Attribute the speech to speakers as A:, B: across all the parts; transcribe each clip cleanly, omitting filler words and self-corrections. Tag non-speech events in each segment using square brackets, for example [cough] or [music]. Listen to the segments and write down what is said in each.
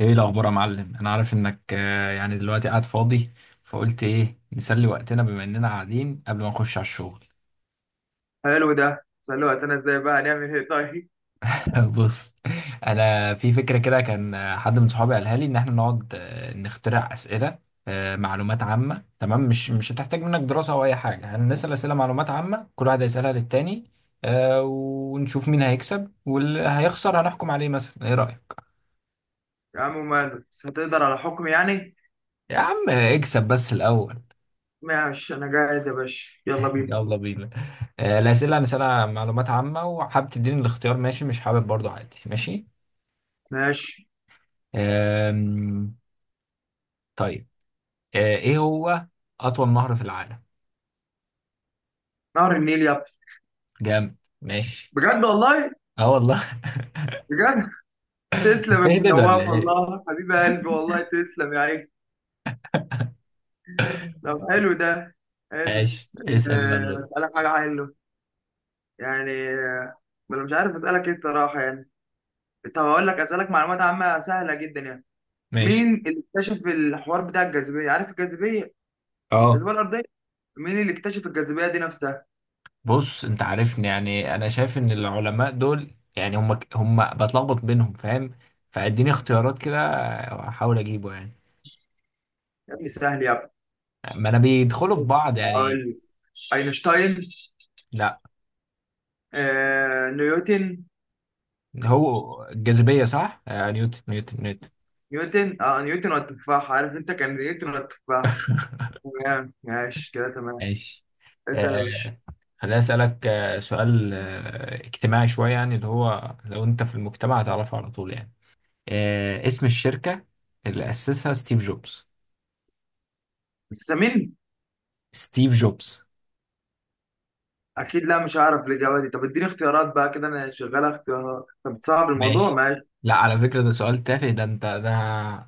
A: ايه الاخبار يا معلم، انا عارف انك يعني دلوقتي قاعد فاضي، فقلت ايه نسلي وقتنا بما اننا قاعدين قبل ما نخش على الشغل.
B: حلو ده سألوه. انا ازاي بقى؟ هنعمل ايه؟ طيب
A: [laughs] بص، انا في فكره كده، كان حد من صحابي قالها لي ان احنا نقعد نخترع اسئله معلومات عامه. تمام، مش هتحتاج منك دراسه او اي حاجه، هنسال اسئله معلومات عامه، كل واحد هيسالها للتاني ونشوف مين هيكسب واللي هيخسر هنحكم عليه، مثلا ايه رايك؟
B: يا عم ماله، بس هتقدر على حكم يعني؟
A: يا عم اكسب بس الاول.
B: ماشي، انا جاهز يا باشا، يلا بينا.
A: يلا بينا. الأسئلة أنا سألها معلومات عامة، وحابب تديني الاختيار ماشي، مش حابب برضو عادي ماشي.
B: ماشي،
A: آم، طيب، إيه هو أطول نهر في العالم؟
B: نهر النيل يا ابني.
A: جامد ماشي.
B: بجد والله.
A: أه والله.
B: بجد.
A: [laughs]
B: تسلم يا ابو
A: بتهبد ولا
B: نواف
A: إيه؟
B: والله، حبيب قلبي والله، تسلم يا عيني. طب حلو ده. حلو.
A: ماشي اسأل بقى دول.
B: اسالك حاجه حلوه. يعني ما انا مش عارف اسالك ايه الصراحه يعني. طب هقول لك، اسالك معلومات عامه سهله جدا يعني.
A: ماشي.
B: مين اللي اكتشف الحوار بتاع الجاذبيه؟ عارف الجاذبيه؟
A: أه.
B: الجاذبيه الارضيه. مين اللي اكتشف الجاذبية دي نفسها؟
A: بص، أنت عارفني يعني، أنا شايف إن العلماء دول يعني هم بتلخبط بينهم، فاهم؟ فاديني اختيارات كده، أحاول أجيبه يعني.
B: يا ابني سهل يا ابني.
A: ما أنا بيدخلوا في بعض يعني.
B: أقول لك. أينشتاين.
A: لا.
B: نيوتن.
A: هو الجاذبية صح؟ آه نيوتن نيوتن نيوتن.
B: نيوتن والتفاح، عارف انت، كان نيوتن والتفاح. تمام، ماشي كده، تمام.
A: ماشي.
B: اسأل يا باشا.
A: آه خليني أسألك سؤال اجتماعي شوية، يعني اللي هو لو أنت في المجتمع هتعرفه على طول يعني، اسم الشركة اللي أسسها ستيف جوبز.
B: السمين.
A: ستيف جوبز.
B: أكيد لا، مش هعرف الإجابة دي. طب اديني اختيارات بقى كده، أنا شغال اختيارات. طب تصعب الموضوع،
A: ماشي.
B: ماشي.
A: لا على فكرة ده سؤال تافه، ده أنت ده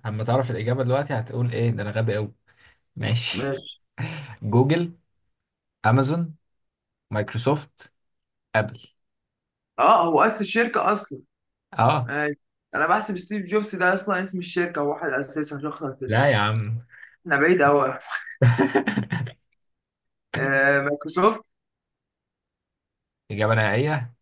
A: أما تعرف الإجابة دلوقتي هتقول إيه، ده أنا غبي أوي. [laughs] ماشي.
B: ماشي،
A: جوجل، أمازون، مايكروسوفت، أبل.
B: اه، هو أسس الشركة أصلا.
A: أه.
B: ماشي. أنا بحسب ستيف جوبز ده أصلا اسم الشركة، هو واحد أسسها، شخص أسسها.
A: لا يا عم.
B: احنا بعيد أوي. مايكروسوفت.
A: [laughs] إجابة نهائية.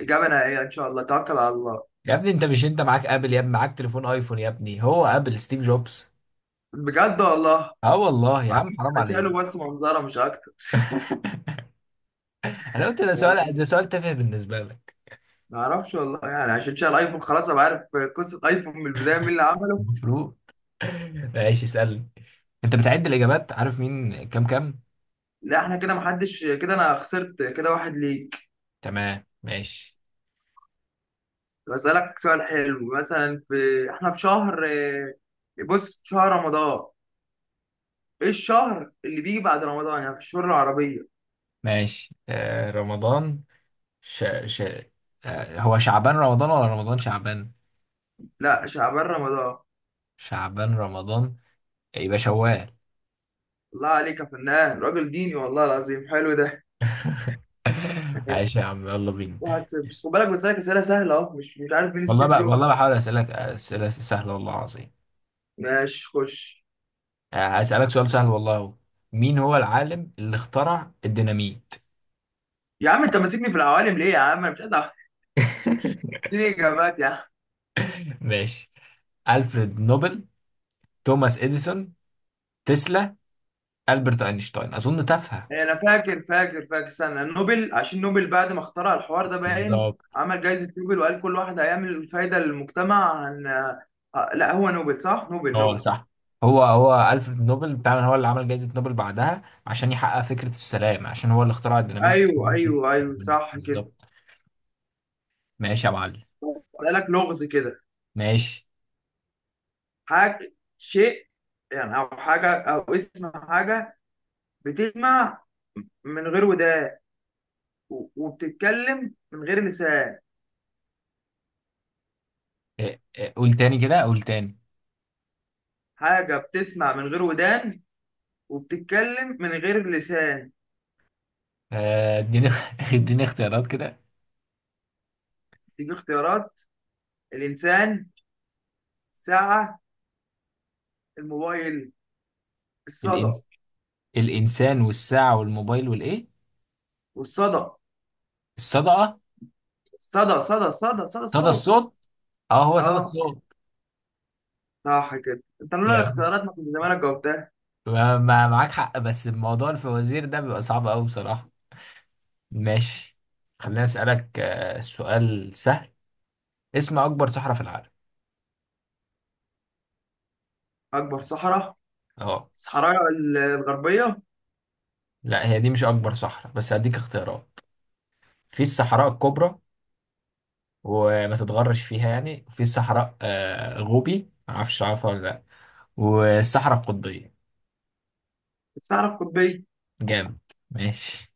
B: إجابة نهائية إن شاء الله، توكل على الله.
A: يا ابني، انت مش، انت معاك ابل يا ابني، معاك تليفون ايفون يا ابني، هو ابل ستيف جوبز.
B: بجد والله.
A: اه والله يا
B: عارف.
A: عم حرام
B: انا
A: عليك.
B: شايله بس منظره، مش اكتر.
A: [laughs] انا قلت ده سؤال، ده سؤال تافه بالنسبه لك.
B: ما اعرفش والله يعني، عشان شايل ايفون خلاص ابقى عارف قصه ايفون من البدايه مين اللي عمله.
A: المفروض. [laughs] ماشي اسالني. انت بتعد الاجابات، عارف مين كام كام.
B: لا، احنا كده محدش، كده انا خسرت كده، واحد ليك.
A: تمام ماشي.
B: بسالك سؤال حلو، مثلا في، احنا في شهر، بص، شهر رمضان. ايه الشهر اللي بيجي بعد رمضان يعني، في الشهور العربيه؟
A: ماشي آه رمضان، ش... ش... آه هو شعبان رمضان ولا رمضان شعبان؟
B: لا، شعبان رمضان.
A: شعبان رمضان، يبقى شوال.
B: الله عليك يا فنان، راجل ديني والله العظيم، حلو ده.
A: [laughs] ماشي
B: ماشي.
A: يا عم يلا بينا.
B: 1-0. بس خد بالك، بسالك اسئله سهله اهو، مش عارف مين
A: والله
B: ستيف
A: بقى،
B: جوبز.
A: والله بحاول اسالك اسئله سهله والله العظيم.
B: ماشي خش.
A: هسالك سؤال سهل والله هو. مين هو العالم اللي اخترع الديناميت؟
B: يا عم انت ماسكني في العوالم ليه يا عم، انا مش عايز أعرف.
A: [laughs]
B: اديني اجابات يا عم.
A: ماشي. ألفريد نوبل، توماس إديسون، تسلا، ألبرت أينشتاين أظن تافهة.
B: إيه، انا فاكر فاكر فاكر، استنى. نوبل، عشان نوبل بعد ما اخترع الحوار ده باين،
A: بالظبط.
B: عمل جائزة نوبل، وقال كل واحد هيعمل فايدة للمجتمع عن. لا، هو نوبل صح، نوبل
A: اه
B: نوبل.
A: صح. هو هو ألفريد نوبل فعلا، هو اللي عمل جائزة نوبل بعدها عشان يحقق فكرة السلام، عشان هو اللي اخترع الديناميت. [laughs] في
B: ايوه
A: الناس
B: ايوه ايوه،
A: تستخدمه.
B: صح كده.
A: بالظبط. ماشي يا معلم.
B: قال لك لغز كده.
A: ماشي.
B: حاجة، شيء يعني، او حاجة، او اسم حاجة. بتسمع من غير ودان، وبتتكلم من غير لسان.
A: إيه، إيه، قول تاني كده، قول تاني.
B: حاجة بتسمع من غير ودان، وبتتكلم من غير لسان.
A: اديني [laughs] اديني اختيارات كده.
B: تيجي اختيارات. الإنسان. ساعة. الموبايل. الصدى.
A: الإنس... الإنسان والساعة والموبايل والإيه؟
B: والصدى،
A: الصدقة.
B: صدى
A: صدى
B: الصوت.
A: الصوت. اه هو صدى
B: اه،
A: الصوت.
B: صح كده، انت لولا
A: يعني،
B: الاختيارات ما كنت زمانك جاوبتها.
A: معاك حق، بس الموضوع الفوازير ده بيبقى صعب قوي بصراحة. ماشي. خليني أسألك سؤال سهل، اسم أكبر صحراء في العالم.
B: أكبر صحراء.
A: اه.
B: الصحراء الغربية.
A: لا هي دي مش أكبر صحراء، بس هديك اختيارات، في الصحراء الكبرى، وما تتغرش فيها يعني، في الصحراء غوبي معرفش عارفها ولا لا، والصحراء القطبية.
B: الصحراء القطبية.
A: جامد ماشي.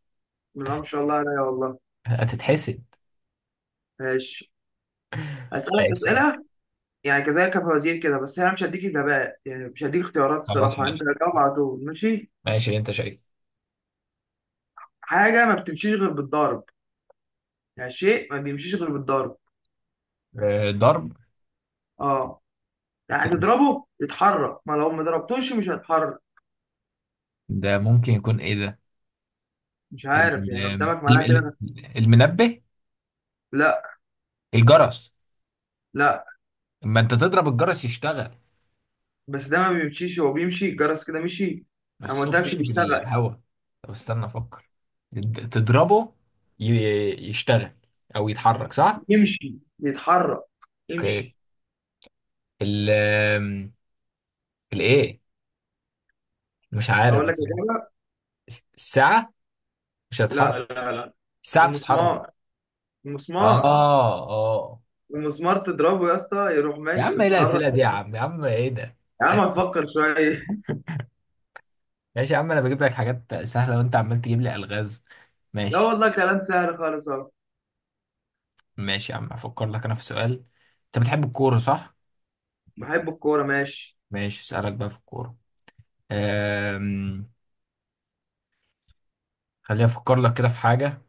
B: لا، ما شاء الله عليا والله.
A: هتتحسد.
B: ماشي. أسألك
A: ماشي دي.
B: أسئلة يعني، كذلك فوازير كده، بس أنا مش هديك إجابات يعني، مش هديك اختيارات
A: خلاص
B: الصراحة، أنت
A: ماشي.
B: هتجاوب على طول ماشي.
A: ماشي اللي انت شايفه.
B: حاجة ما بتمشيش غير بالضرب. يعني شيء ما بيمشيش غير بالضرب.
A: ضرب.
B: اه. يعني تضربه يتحرك، ما لو ما ضربتوش مش هيتحرك.
A: ده ممكن يكون ايه ده؟
B: مش عارف
A: ال-
B: يعني، قدامك،
A: الم-
B: معناها كده
A: ال-
B: ده.
A: المنبه.
B: لا
A: الجرس.
B: لا.
A: اما انت تضرب الجرس يشتغل.
B: بس ده ما بيمشيش، هو بيمشي، الجرس كده مشي.
A: بس
B: انا ما
A: الصوت
B: قلتلكش
A: مشي في
B: بيشتغل.
A: الهواء. طب استنى افكر. تضربه، يشتغل او يتحرك صح؟
B: يمشي يتحرك،
A: اوكي.
B: يمشي.
A: ال الايه مش عارف
B: اقول لك
A: بصراحة.
B: اجابه.
A: الساعة مش هتتحرك.
B: لا لا لا.
A: الساعة بتتحرك.
B: المسمار.
A: اه.
B: المسمار.
A: اه.
B: المسمار تضربه يا اسطى، يروح
A: يا عم
B: ماشي
A: ايه الاسئله
B: متحرك.
A: دي يا عم، يا عم ايه ده؟
B: يا عم افكر شويه [laughs]
A: ماشي يا عم، انا بجيب لك حاجات سهله وانت عمال تجيب لي الغاز.
B: لا
A: ماشي.
B: والله كلام سهل خالص اهو.
A: ماشي يا عم افكر لك، انا في سؤال. انت بتحب الكوره صح؟
B: بحب الكوره ماشي.
A: ماشي اسالك بقى في الكوره. أم... خليني افكر لك كده في حاجه.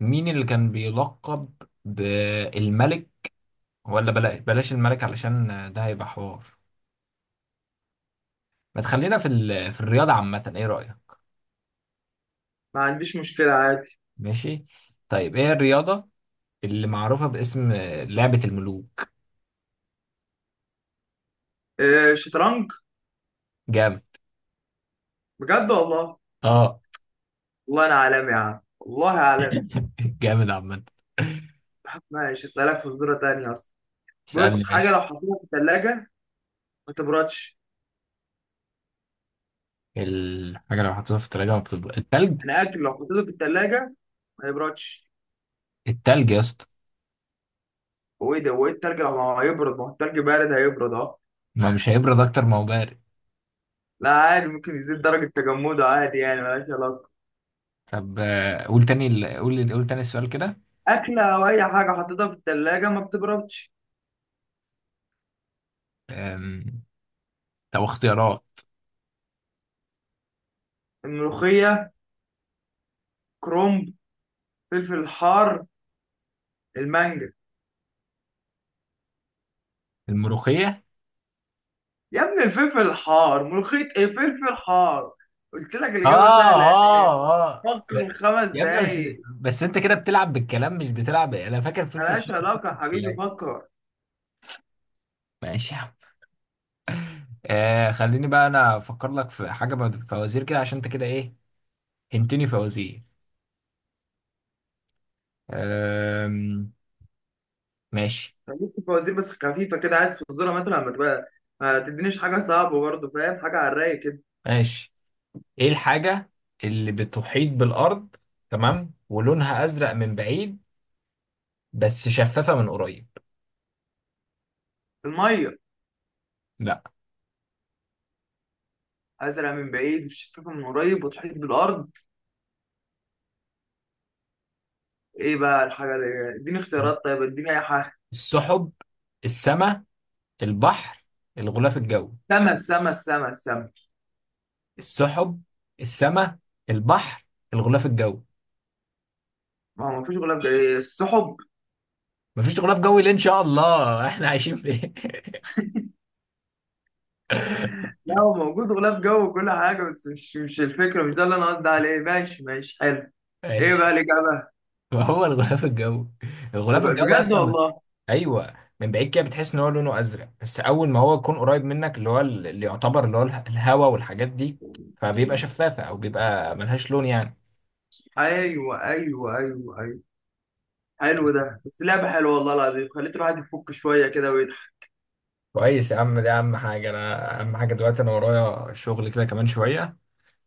A: مين اللي كان بيلقب بالملك؟ ولا بلاش بلاش الملك علشان ده هيبقى حوار. ما تخلينا في في الرياضه عامه، ايه رايك؟
B: ما عنديش مشكله عادي.
A: ماشي. طيب ايه الرياضه اللي معروفه باسم لعبه الملوك؟
B: إيه، شطرنج.
A: جامد.
B: بجد والله.
A: اه.
B: والله انا عالمي يا عم، والله عالمي.
A: [laughs] جامد عامة.
B: ماشي، اسالك فزوره تانية اصلا.
A: اسألني
B: بص، حاجه لو
A: ماشي.
B: حطيتها في الثلاجه ما تبردش.
A: الحاجة لو حطيتها في التلاجة ما بتبرد التلج؟
B: انا اكل لو حطيته في الثلاجه ما يبردش.
A: التلج يا اسطى.
B: هو ايه التلج لو ما هيبرد؟ ما هو التلج بارد، هيبرد اه.
A: ما مش هيبرد أكتر ما هو بارد.
B: لا عادي، ممكن يزيد درجه تجمده عادي يعني، ملهاش علاقه.
A: طب قول تاني، قول تاني السؤال كده.
B: اكله او اي حاجه حطيتها في الثلاجه ما بتبردش.
A: أم، طب اختيارات.
B: الملوخيه. كرومب. فلفل حار. المانجا.
A: الملوخية.
B: يا ابني الفلفل الحار، ملوخيه ايه فلفل حار. قلت لك
A: آه
B: الاجابه سهله.
A: آه آه
B: فكر
A: ده-
B: خمس
A: يا ابني بس.
B: دقايق
A: بس أنت كده بتلعب بالكلام مش بتلعب، أنا فاكر فلفل
B: ملهاش
A: أحمر
B: علاقة يا
A: في
B: حبيبي،
A: الأكل.
B: فكر.
A: ماشي يا عم. خليني بقى أنا أفكر لك في حاجة، فوازير كده عشان أنت كده إيه، هنتني فوازير. آم، ماشي.
B: ممكن فوازير بس خفيفة كده، عايز تصدرها مثلا، ما تبقى ما تدينيش حاجة صعبة برضه، فاهم، حاجة على الرايق كده.
A: ماشي. ايه الحاجة اللي بتحيط بالأرض تمام، ولونها أزرق من بعيد، بس شفافة من قريب؟
B: المية.
A: لا.
B: أزرع من بعيد والشفافة من قريب، وتحيط بالأرض. إيه بقى الحاجة اللي، إديني اختيارات طيب، إديني أي حاجة.
A: السحب، السماء، البحر، الغلاف الجوي.
B: سما السما السما السما.
A: السحب، السماء، البحر، الغلاف الجوي.
B: ما هو مفيش غلاف جوي، السحب.
A: مفيش غلاف جوي ليه؟ إن شاء الله. [laughs] احنا عايشين فين؟ [laughs]
B: لا، هو موجود غلاف جو وكل حاجة، بس مش الفكرة، مش ده اللي أنا قصدي عليه، ماشي ماشي، حلو. إيه
A: ماشي.
B: بقى الإجابة؟
A: ما هو الغلاف الجوي، الغلاف الجوي
B: بجد
A: اصلا.
B: والله.
A: ايوه. من بعيد كده بتحس ان هو لونه ازرق، بس اول ما هو يكون قريب منك، اللي هو اللي يعتبر، اللي هو الهوا والحاجات دي، فبيبقى شفافه او بيبقى ملهاش لون يعني.
B: أيوه أيوه أيوه أيوه. حلو ده، بس لعبة حلوة والله العظيم، خليت الواحد يفك شوية كده ويضحك.
A: كويس يا عم، دي اهم حاجه، انا اهم حاجه دلوقتي انا ورايا شغل كده كمان شويه،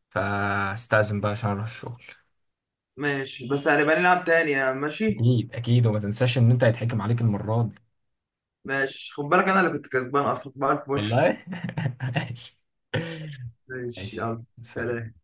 A: فاستأذن بقى عشان اروح الشغل.
B: ماشي، بس هنبقى نلعب تاني يعني، ماشي.
A: اكيد اكيد، وما تنساش ان انت هيتحكم عليك المره دي.
B: ماشي، خد بالك أنا اللي كنت كسبان أصلا، بعرف ماشي.
A: والله. [laughs] ماشي.
B: ماشي
A: ماشي.
B: يلا.
A: سلام.
B: سلام.